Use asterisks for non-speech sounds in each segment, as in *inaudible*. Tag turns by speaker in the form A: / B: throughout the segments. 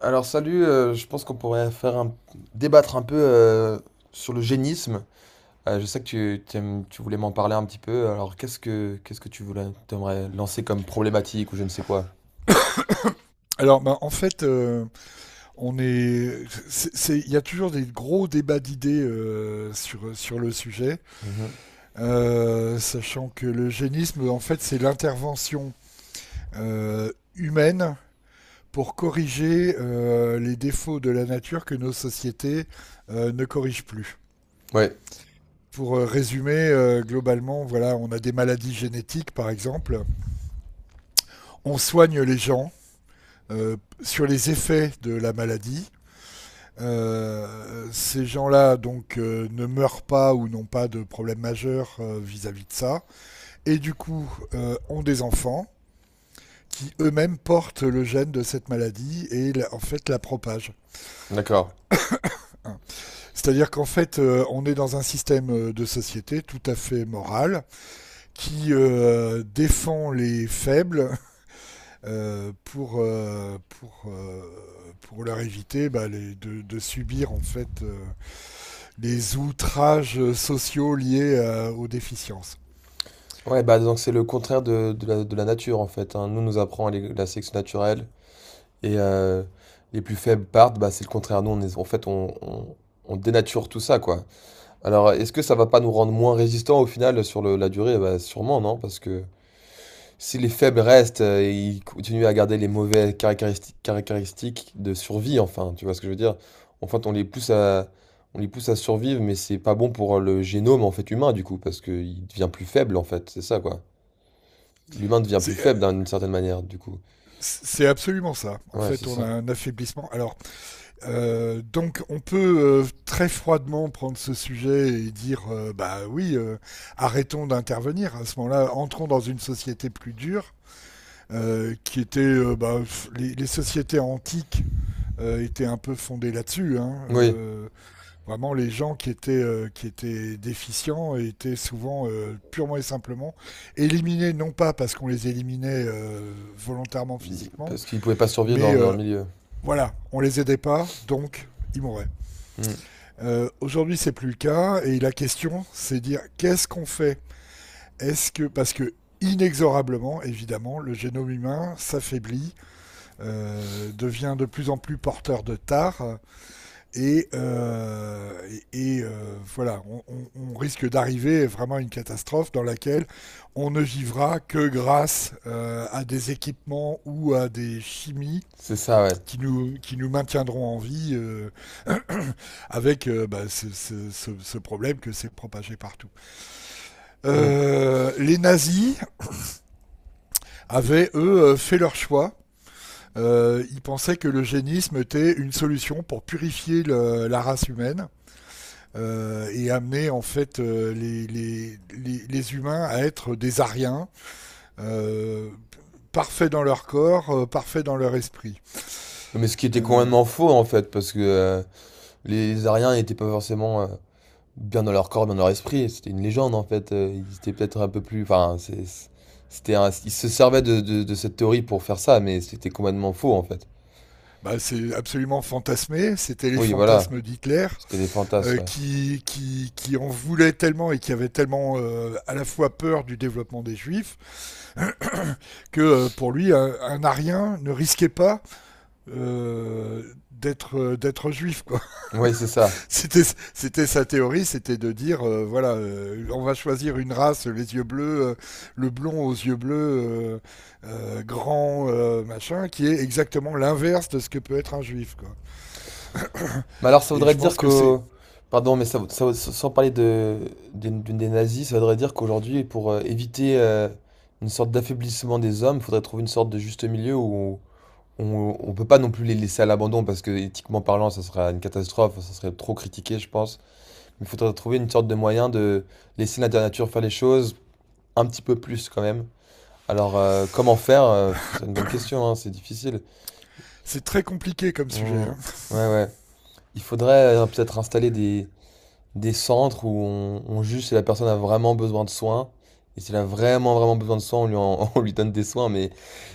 A: Alors salut, je pense qu'on pourrait débattre un peu sur le génisme. Je sais que tu voulais m'en parler un petit peu. Alors qu'est-ce que t'aimerais lancer comme problématique ou je ne sais quoi?
B: Alors, bah, en fait, on est, il y a toujours des gros débats d'idées sur le sujet.
A: Mhm.
B: Sachant que le génisme, en fait, c'est l'intervention humaine pour corriger les défauts de la nature que nos sociétés ne corrigent plus.
A: Ouais,
B: Pour résumer, globalement, voilà, on a des maladies génétiques, par exemple, on soigne les gens euh, sur les effets de la maladie. Ces gens-là donc ne meurent pas ou n'ont pas de problème majeur vis-à-vis de ça, et du coup ont des enfants qui eux-mêmes portent le gène de cette maladie et en fait la propagent.
A: d'accord.
B: Hein. C'est-à-dire qu'en fait on est dans un système de société tout à fait moral qui défend les faibles, euh, pour euh, pour euh, pour leur éviter bah, de subir en fait les outrages sociaux liés aux déficiences.
A: Ouais, bah donc c'est le contraire de la nature en fait, hein. Nous, on nous apprend la sélection naturelle et les plus faibles partent, bah c'est le contraire. Nous, on est, en fait, on dénature tout ça quoi. Alors est-ce que ça va pas nous rendre moins résistants au final sur la durée? Bah sûrement non, parce que si les faibles restent, ils continuent à garder les mauvaises caractéristiques de survie, enfin, tu vois ce que je veux dire? En fait, on les pousse à, on les pousse à survivre, mais c'est pas bon pour le génome en fait humain du coup, parce qu'il devient plus faible en fait, c'est ça quoi. L'humain devient plus faible
B: C'est-
A: d'une certaine manière du coup.
B: C'est absolument ça. En
A: Ouais, c'est
B: fait, on a
A: ça.
B: un affaiblissement. Alors, donc, on peut très froidement prendre ce sujet et dire, bah oui, arrêtons d'intervenir. À ce moment-là, entrons dans une société plus dure, qui était, bah, les sociétés antiques étaient un peu fondées là-dessus. Hein.
A: Oui,
B: Vraiment, les gens qui étaient déficients étaient souvent purement et simplement éliminés, non pas parce qu'on les éliminait volontairement physiquement,
A: parce qu'il pouvait pas survivre
B: mais
A: dans le milieu.
B: voilà, on les aidait pas, donc ils mouraient.
A: Hmm.
B: Aujourd'hui, c'est plus le cas, et la question, c'est dire qu'est-ce qu'on fait. Est-ce que parce que inexorablement, évidemment, le génome humain s'affaiblit, devient de plus en plus porteur de tares, et, voilà, on, on risque d'arriver vraiment à une catastrophe dans laquelle on ne vivra que grâce à des équipements ou à des chimies
A: C'est ça, ouais.
B: qui nous maintiendront en vie avec bah, ce problème que c'est propagé partout.
A: Hmm.
B: Les nazis avaient, eux, fait leur choix. Ils pensaient que l'eugénisme était une solution pour purifier la race humaine et amener en fait humains à être des Ariens, euh, parfaits dans leur corps, parfaits dans leur esprit.
A: Mais ce qui était
B: Euh,
A: complètement faux en fait, parce que les Ariens n'étaient pas forcément bien dans leur corps, bien dans leur esprit. C'était une légende en fait. Ils étaient peut-être un peu plus. Enfin, c'était ils se servaient de cette théorie pour faire ça, mais c'était complètement faux en fait.
B: Bah, c'est absolument fantasmé, c'était les
A: Oui, voilà.
B: fantasmes d'Hitler.
A: C'était des
B: Euh,
A: fantasmes, ouais.
B: qui, qui, qui, en voulait tellement et qui avait tellement à la fois peur du développement des juifs *coughs* que pour lui un arien ne risquait pas d'être juif, quoi.
A: Oui, c'est ça.
B: C'était, C'était sa théorie, c'était de dire, voilà, on va choisir une race, les yeux bleus, le blond aux yeux bleus, grand, machin, qui est exactement l'inverse de ce que peut être un juif. Quoi.
A: Mais alors, ça
B: Et
A: voudrait
B: je
A: dire
B: pense que
A: que. Pardon, mais sans parler des nazis, ça voudrait dire qu'aujourd'hui, pour éviter une sorte d'affaiblissement des hommes, il faudrait trouver une sorte de juste milieu où on ne peut pas non plus les laisser à l'abandon parce que éthiquement parlant, ça serait une catastrophe, ça serait trop critiqué, je pense. Il faudrait trouver une sorte de moyen de laisser la nature faire les choses un petit peu plus quand même. Alors, comment faire? C'est une bonne question, hein, c'est difficile.
B: c'est très compliqué comme sujet.
A: Hmm,
B: Hein.
A: ouais, ouais. Il faudrait peut-être installer des centres où on juge si la personne a vraiment besoin de soins. Et si elle a vraiment besoin de soins, *laughs* on lui donne des soins. Mais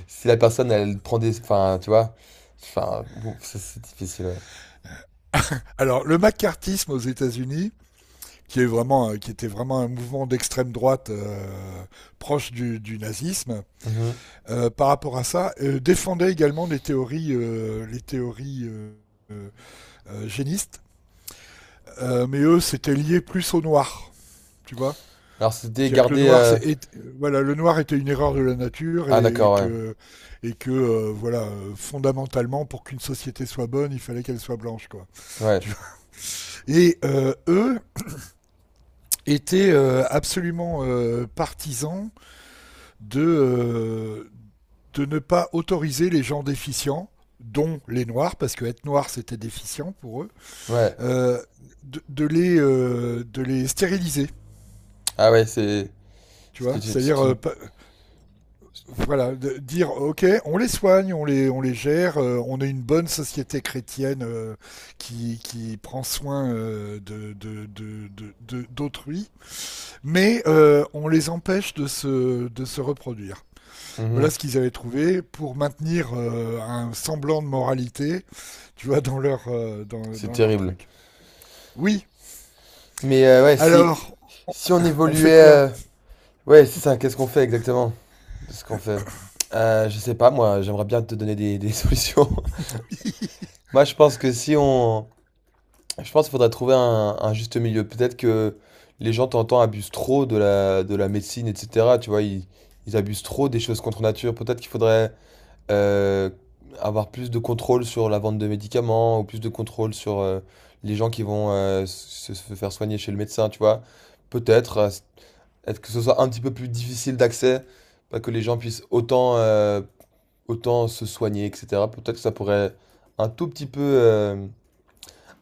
A: si la personne, elle prend des... Enfin, tu vois. Enfin, bon, ça, c'est difficile, ouais.
B: Alors, le macartisme aux États-Unis, qui est vraiment, qui était vraiment un mouvement d'extrême droite proche du nazisme,
A: Mhm.
B: par rapport à ça, défendait également les théories, euh, génistes. Mais eux, c'était lié plus au noir, tu vois.
A: Alors, c'était
B: C'est-à-dire que le
A: garder...
B: noir, voilà, le noir était une erreur de la nature,
A: Ah, d'accord, ouais.
B: et que voilà, fondamentalement, pour qu'une société soit bonne, il fallait qu'elle soit blanche, quoi.
A: Ouais.
B: Tu vois. Et eux étaient absolument partisans de euh, de ne pas autoriser les gens déficients, dont les noirs, parce que être noir c'était déficient pour eux,
A: Ouais.
B: euh, de les stériliser.
A: Ah, ouais, c'est...
B: Tu vois, c'est-à-dire
A: C'était une- c'est une-
B: voilà, de dire ok, on les soigne, on les gère, on est une bonne société chrétienne qui prend soin d'autrui, mais on les empêche de se reproduire. Voilà
A: Mhm.
B: ce qu'ils avaient trouvé pour maintenir un semblant de moralité, tu vois, dans leur,
A: C'est
B: dans leur
A: terrible.
B: truc. Oui,
A: Mais ouais,
B: alors, on,
A: si on
B: on fait
A: évoluait...
B: quoi.
A: Ouais, c'est ça, qu'est-ce qu'on fait exactement de ce qu'on fait? Je sais pas, moi, j'aimerais bien te donner des *laughs* solutions.
B: *laughs*
A: Moi, je pense que si on... Je pense qu'il faudrait trouver un juste milieu. Peut-être que les gens, t'entends, abusent trop de la médecine, etc. Tu vois, ils abusent trop des choses contre nature. Peut-être qu'il faudrait euh, avoir plus de contrôle sur la vente de médicaments ou plus de contrôle sur les gens qui vont se faire soigner chez le médecin, tu vois. Peut-être être que ce soit un petit peu plus difficile d'accès, pas que les gens puissent autant se soigner, etc. Peut-être que ça pourrait un tout petit peu, euh,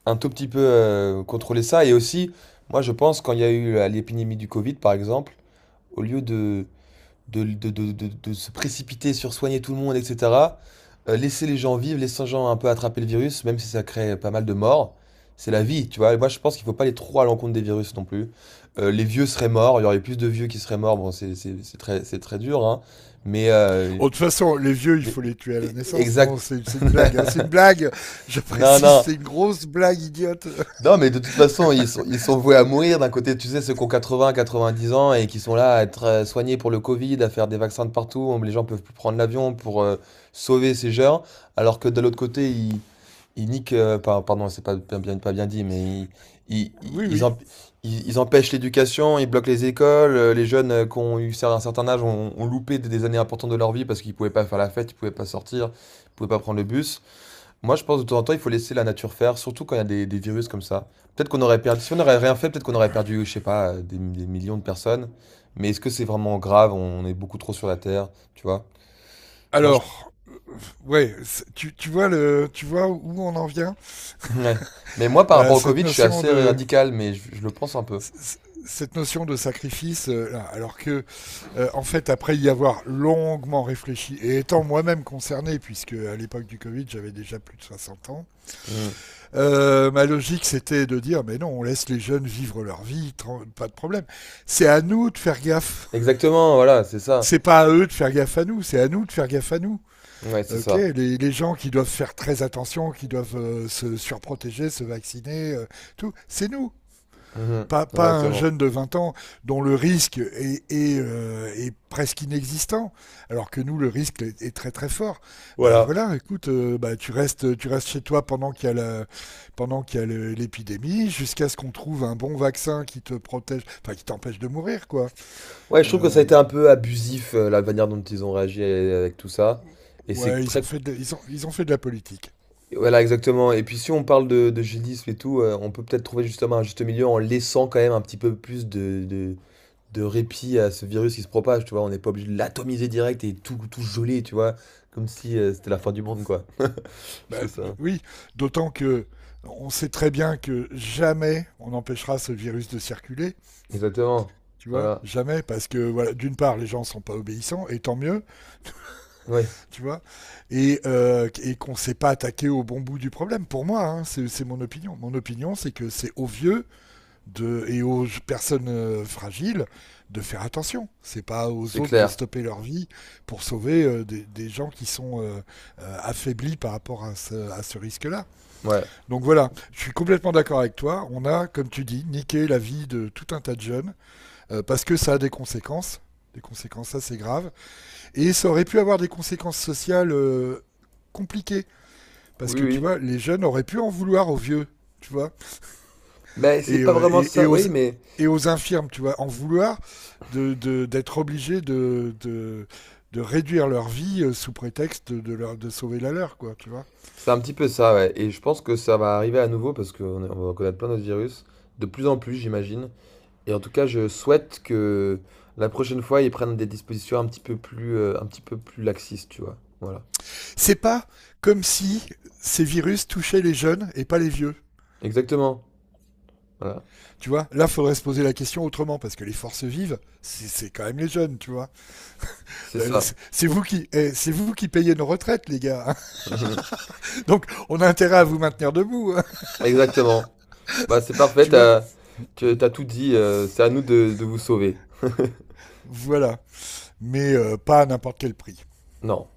A: un tout petit peu contrôler ça. Et aussi, moi je pense quand il y a eu l'épidémie du Covid, par exemple, au lieu de se précipiter sur soigner tout le monde, etc. Laisser les gens vivre, laisser les gens un peu attraper le virus, même si ça crée pas mal de morts. C'est la vie, tu vois. Et moi, je pense qu'il ne faut pas aller trop à l'encontre des virus non plus. Les vieux seraient morts, il y aurait plus de vieux qui seraient morts. Bon, c'est très dur, hein. Mais
B: Oh, de toute façon, les vieux, il
A: les-
B: faut les tuer à la naissance.
A: exact.
B: Non, c'est une
A: *laughs*
B: blague. Hein, c'est une blague. Je
A: Non,
B: précise,
A: non.
B: c'est une grosse blague idiote.
A: Non, mais de toute façon, ils sont voués à mourir. D'un côté, tu sais, ceux qui ont 80, 90 ans et qui sont là à être soignés pour le Covid, à faire des vaccins de partout. Les gens peuvent plus prendre l'avion pour sauver ces gens. Alors que de l'autre côté, ils niquent, pardon, c'est pas bien, pas bien dit, mais
B: Oui,
A: ils
B: oui.
A: emp- ils empêchent l'éducation, ils bloquent les écoles. Les jeunes qui ont eu un certain âge ont loupé des années importantes de leur vie parce qu'ils pouvaient pas faire la fête, ils pouvaient pas sortir, ils pouvaient pas prendre le bus. Moi, je pense que de temps en temps, il faut laisser la nature faire, surtout quand il y a des virus comme ça. Peut-être qu'on aurait perdu, si on n'aurait rien fait, peut-être qu'on aurait perdu, je sais pas, des millions de personnes. Mais est-ce que c'est vraiment grave? On est beaucoup trop sur la Terre, tu vois? Moi, je...
B: Alors, ouais, tu vois le, tu vois où on en vient.
A: *laughs* Ouais. Mais moi, par
B: Euh,
A: rapport au
B: cette
A: Covid, je suis
B: notion
A: assez
B: de
A: radical, mais je le pense un peu.
B: Cette notion de sacrifice, alors que, en fait, après y avoir longuement réfléchi et étant moi-même concerné, puisque à l'époque du Covid, j'avais déjà plus de 60 ans.
A: Mm.
B: Ma logique, c'était de dire, mais non, on laisse les jeunes vivre leur vie, pas de problème. C'est à nous de faire gaffe.
A: Exactement, voilà, c'est ça.
B: C'est pas à eux de faire gaffe à nous, c'est à nous de faire gaffe à nous.
A: Ouais, c'est
B: Ok,
A: ça.
B: les gens qui doivent faire très attention, qui doivent se surprotéger, se vacciner, tout, c'est nous.
A: Mhm.
B: Pas un
A: Exactement.
B: jeune de 20 ans dont le risque est, est presque inexistant, alors que nous, le risque est, est très très fort. Bah
A: Voilà.
B: voilà, écoute, bah, restes, tu restes chez toi pendant qu'il y a pendant qu'il y a l'épidémie, jusqu'à ce qu'on trouve un bon vaccin qui te protège, enfin qui t'empêche de mourir, quoi.
A: Ouais, je trouve que
B: Euh,
A: ça a été un peu abusif, la manière dont ils ont réagi avec tout ça. Et c'est
B: ouais,
A: très...
B: ils ont fait de la politique.
A: Voilà, exactement. Et puis si on parle de gélisme et tout, on peut peut-être trouver justement un juste milieu en laissant quand même un petit peu plus de répit à ce virus qui se propage, tu vois. On n'est pas obligé de l'atomiser direct et tout, tout geler, tu vois. Comme si c'était la fin du monde, quoi. Je
B: Bah,
A: trouve ça.
B: oui, d'autant que on sait très bien que jamais on empêchera ce virus de circuler.
A: Exactement.
B: Tu vois,
A: Voilà.
B: jamais, parce que voilà, d'une part, les gens sont pas obéissants, et tant mieux,
A: Oui,
B: tu vois, et, qu'on s'est pas attaqué au bon bout du problème. Pour moi, hein, c'est mon opinion. Mon opinion, c'est que c'est aux vieux de, et aux personnes fragiles de faire attention. C'est pas aux
A: c'est
B: autres de
A: clair.
B: stopper leur vie pour sauver des gens qui sont affaiblis par rapport à ce risque-là.
A: Ouais.
B: Donc voilà, je suis complètement d'accord avec toi. On a, comme tu dis, niqué la vie de tout un tas de jeunes parce que ça a des conséquences assez graves, et ça aurait pu avoir des conséquences sociales compliquées, parce
A: Oui,
B: que tu
A: oui.
B: vois, les jeunes auraient pu en vouloir aux vieux, tu vois,
A: Mais c'est
B: et,
A: pas
B: euh,
A: vraiment
B: et, et,
A: ça.
B: aux,
A: Oui, mais
B: et aux infirmes, tu vois, en vouloir d'être d'être obligés de réduire leur vie sous prétexte de, leur, de sauver la leur, quoi, tu vois.
A: c'est un petit peu ça, ouais. Et je pense que ça va arriver à nouveau parce qu'on va connaître plein d'autres virus. De plus en plus, j'imagine. Et en tout cas, je souhaite que la prochaine fois, ils prennent des dispositions un petit peu plus, un petit peu plus laxistes, tu vois. Voilà.
B: C'est pas comme si ces virus touchaient les jeunes et pas les vieux.
A: Exactement. Voilà.
B: Tu vois, là, faudrait se poser la question autrement, parce que les forces vives, c'est quand même les jeunes, tu vois.
A: C'est
B: Ben,
A: ça. *laughs*
B: c'est vous qui, eh, c'est vous qui payez nos retraites, les gars. Hein.
A: Mhm.
B: *laughs* Donc, on a intérêt à vous maintenir debout, hein,
A: Exactement. Bah, c'est parfait,
B: tu vois.
A: tu as tout dit. C'est à nous de vous sauver.
B: Voilà, mais pas à n'importe quel prix.
A: Non.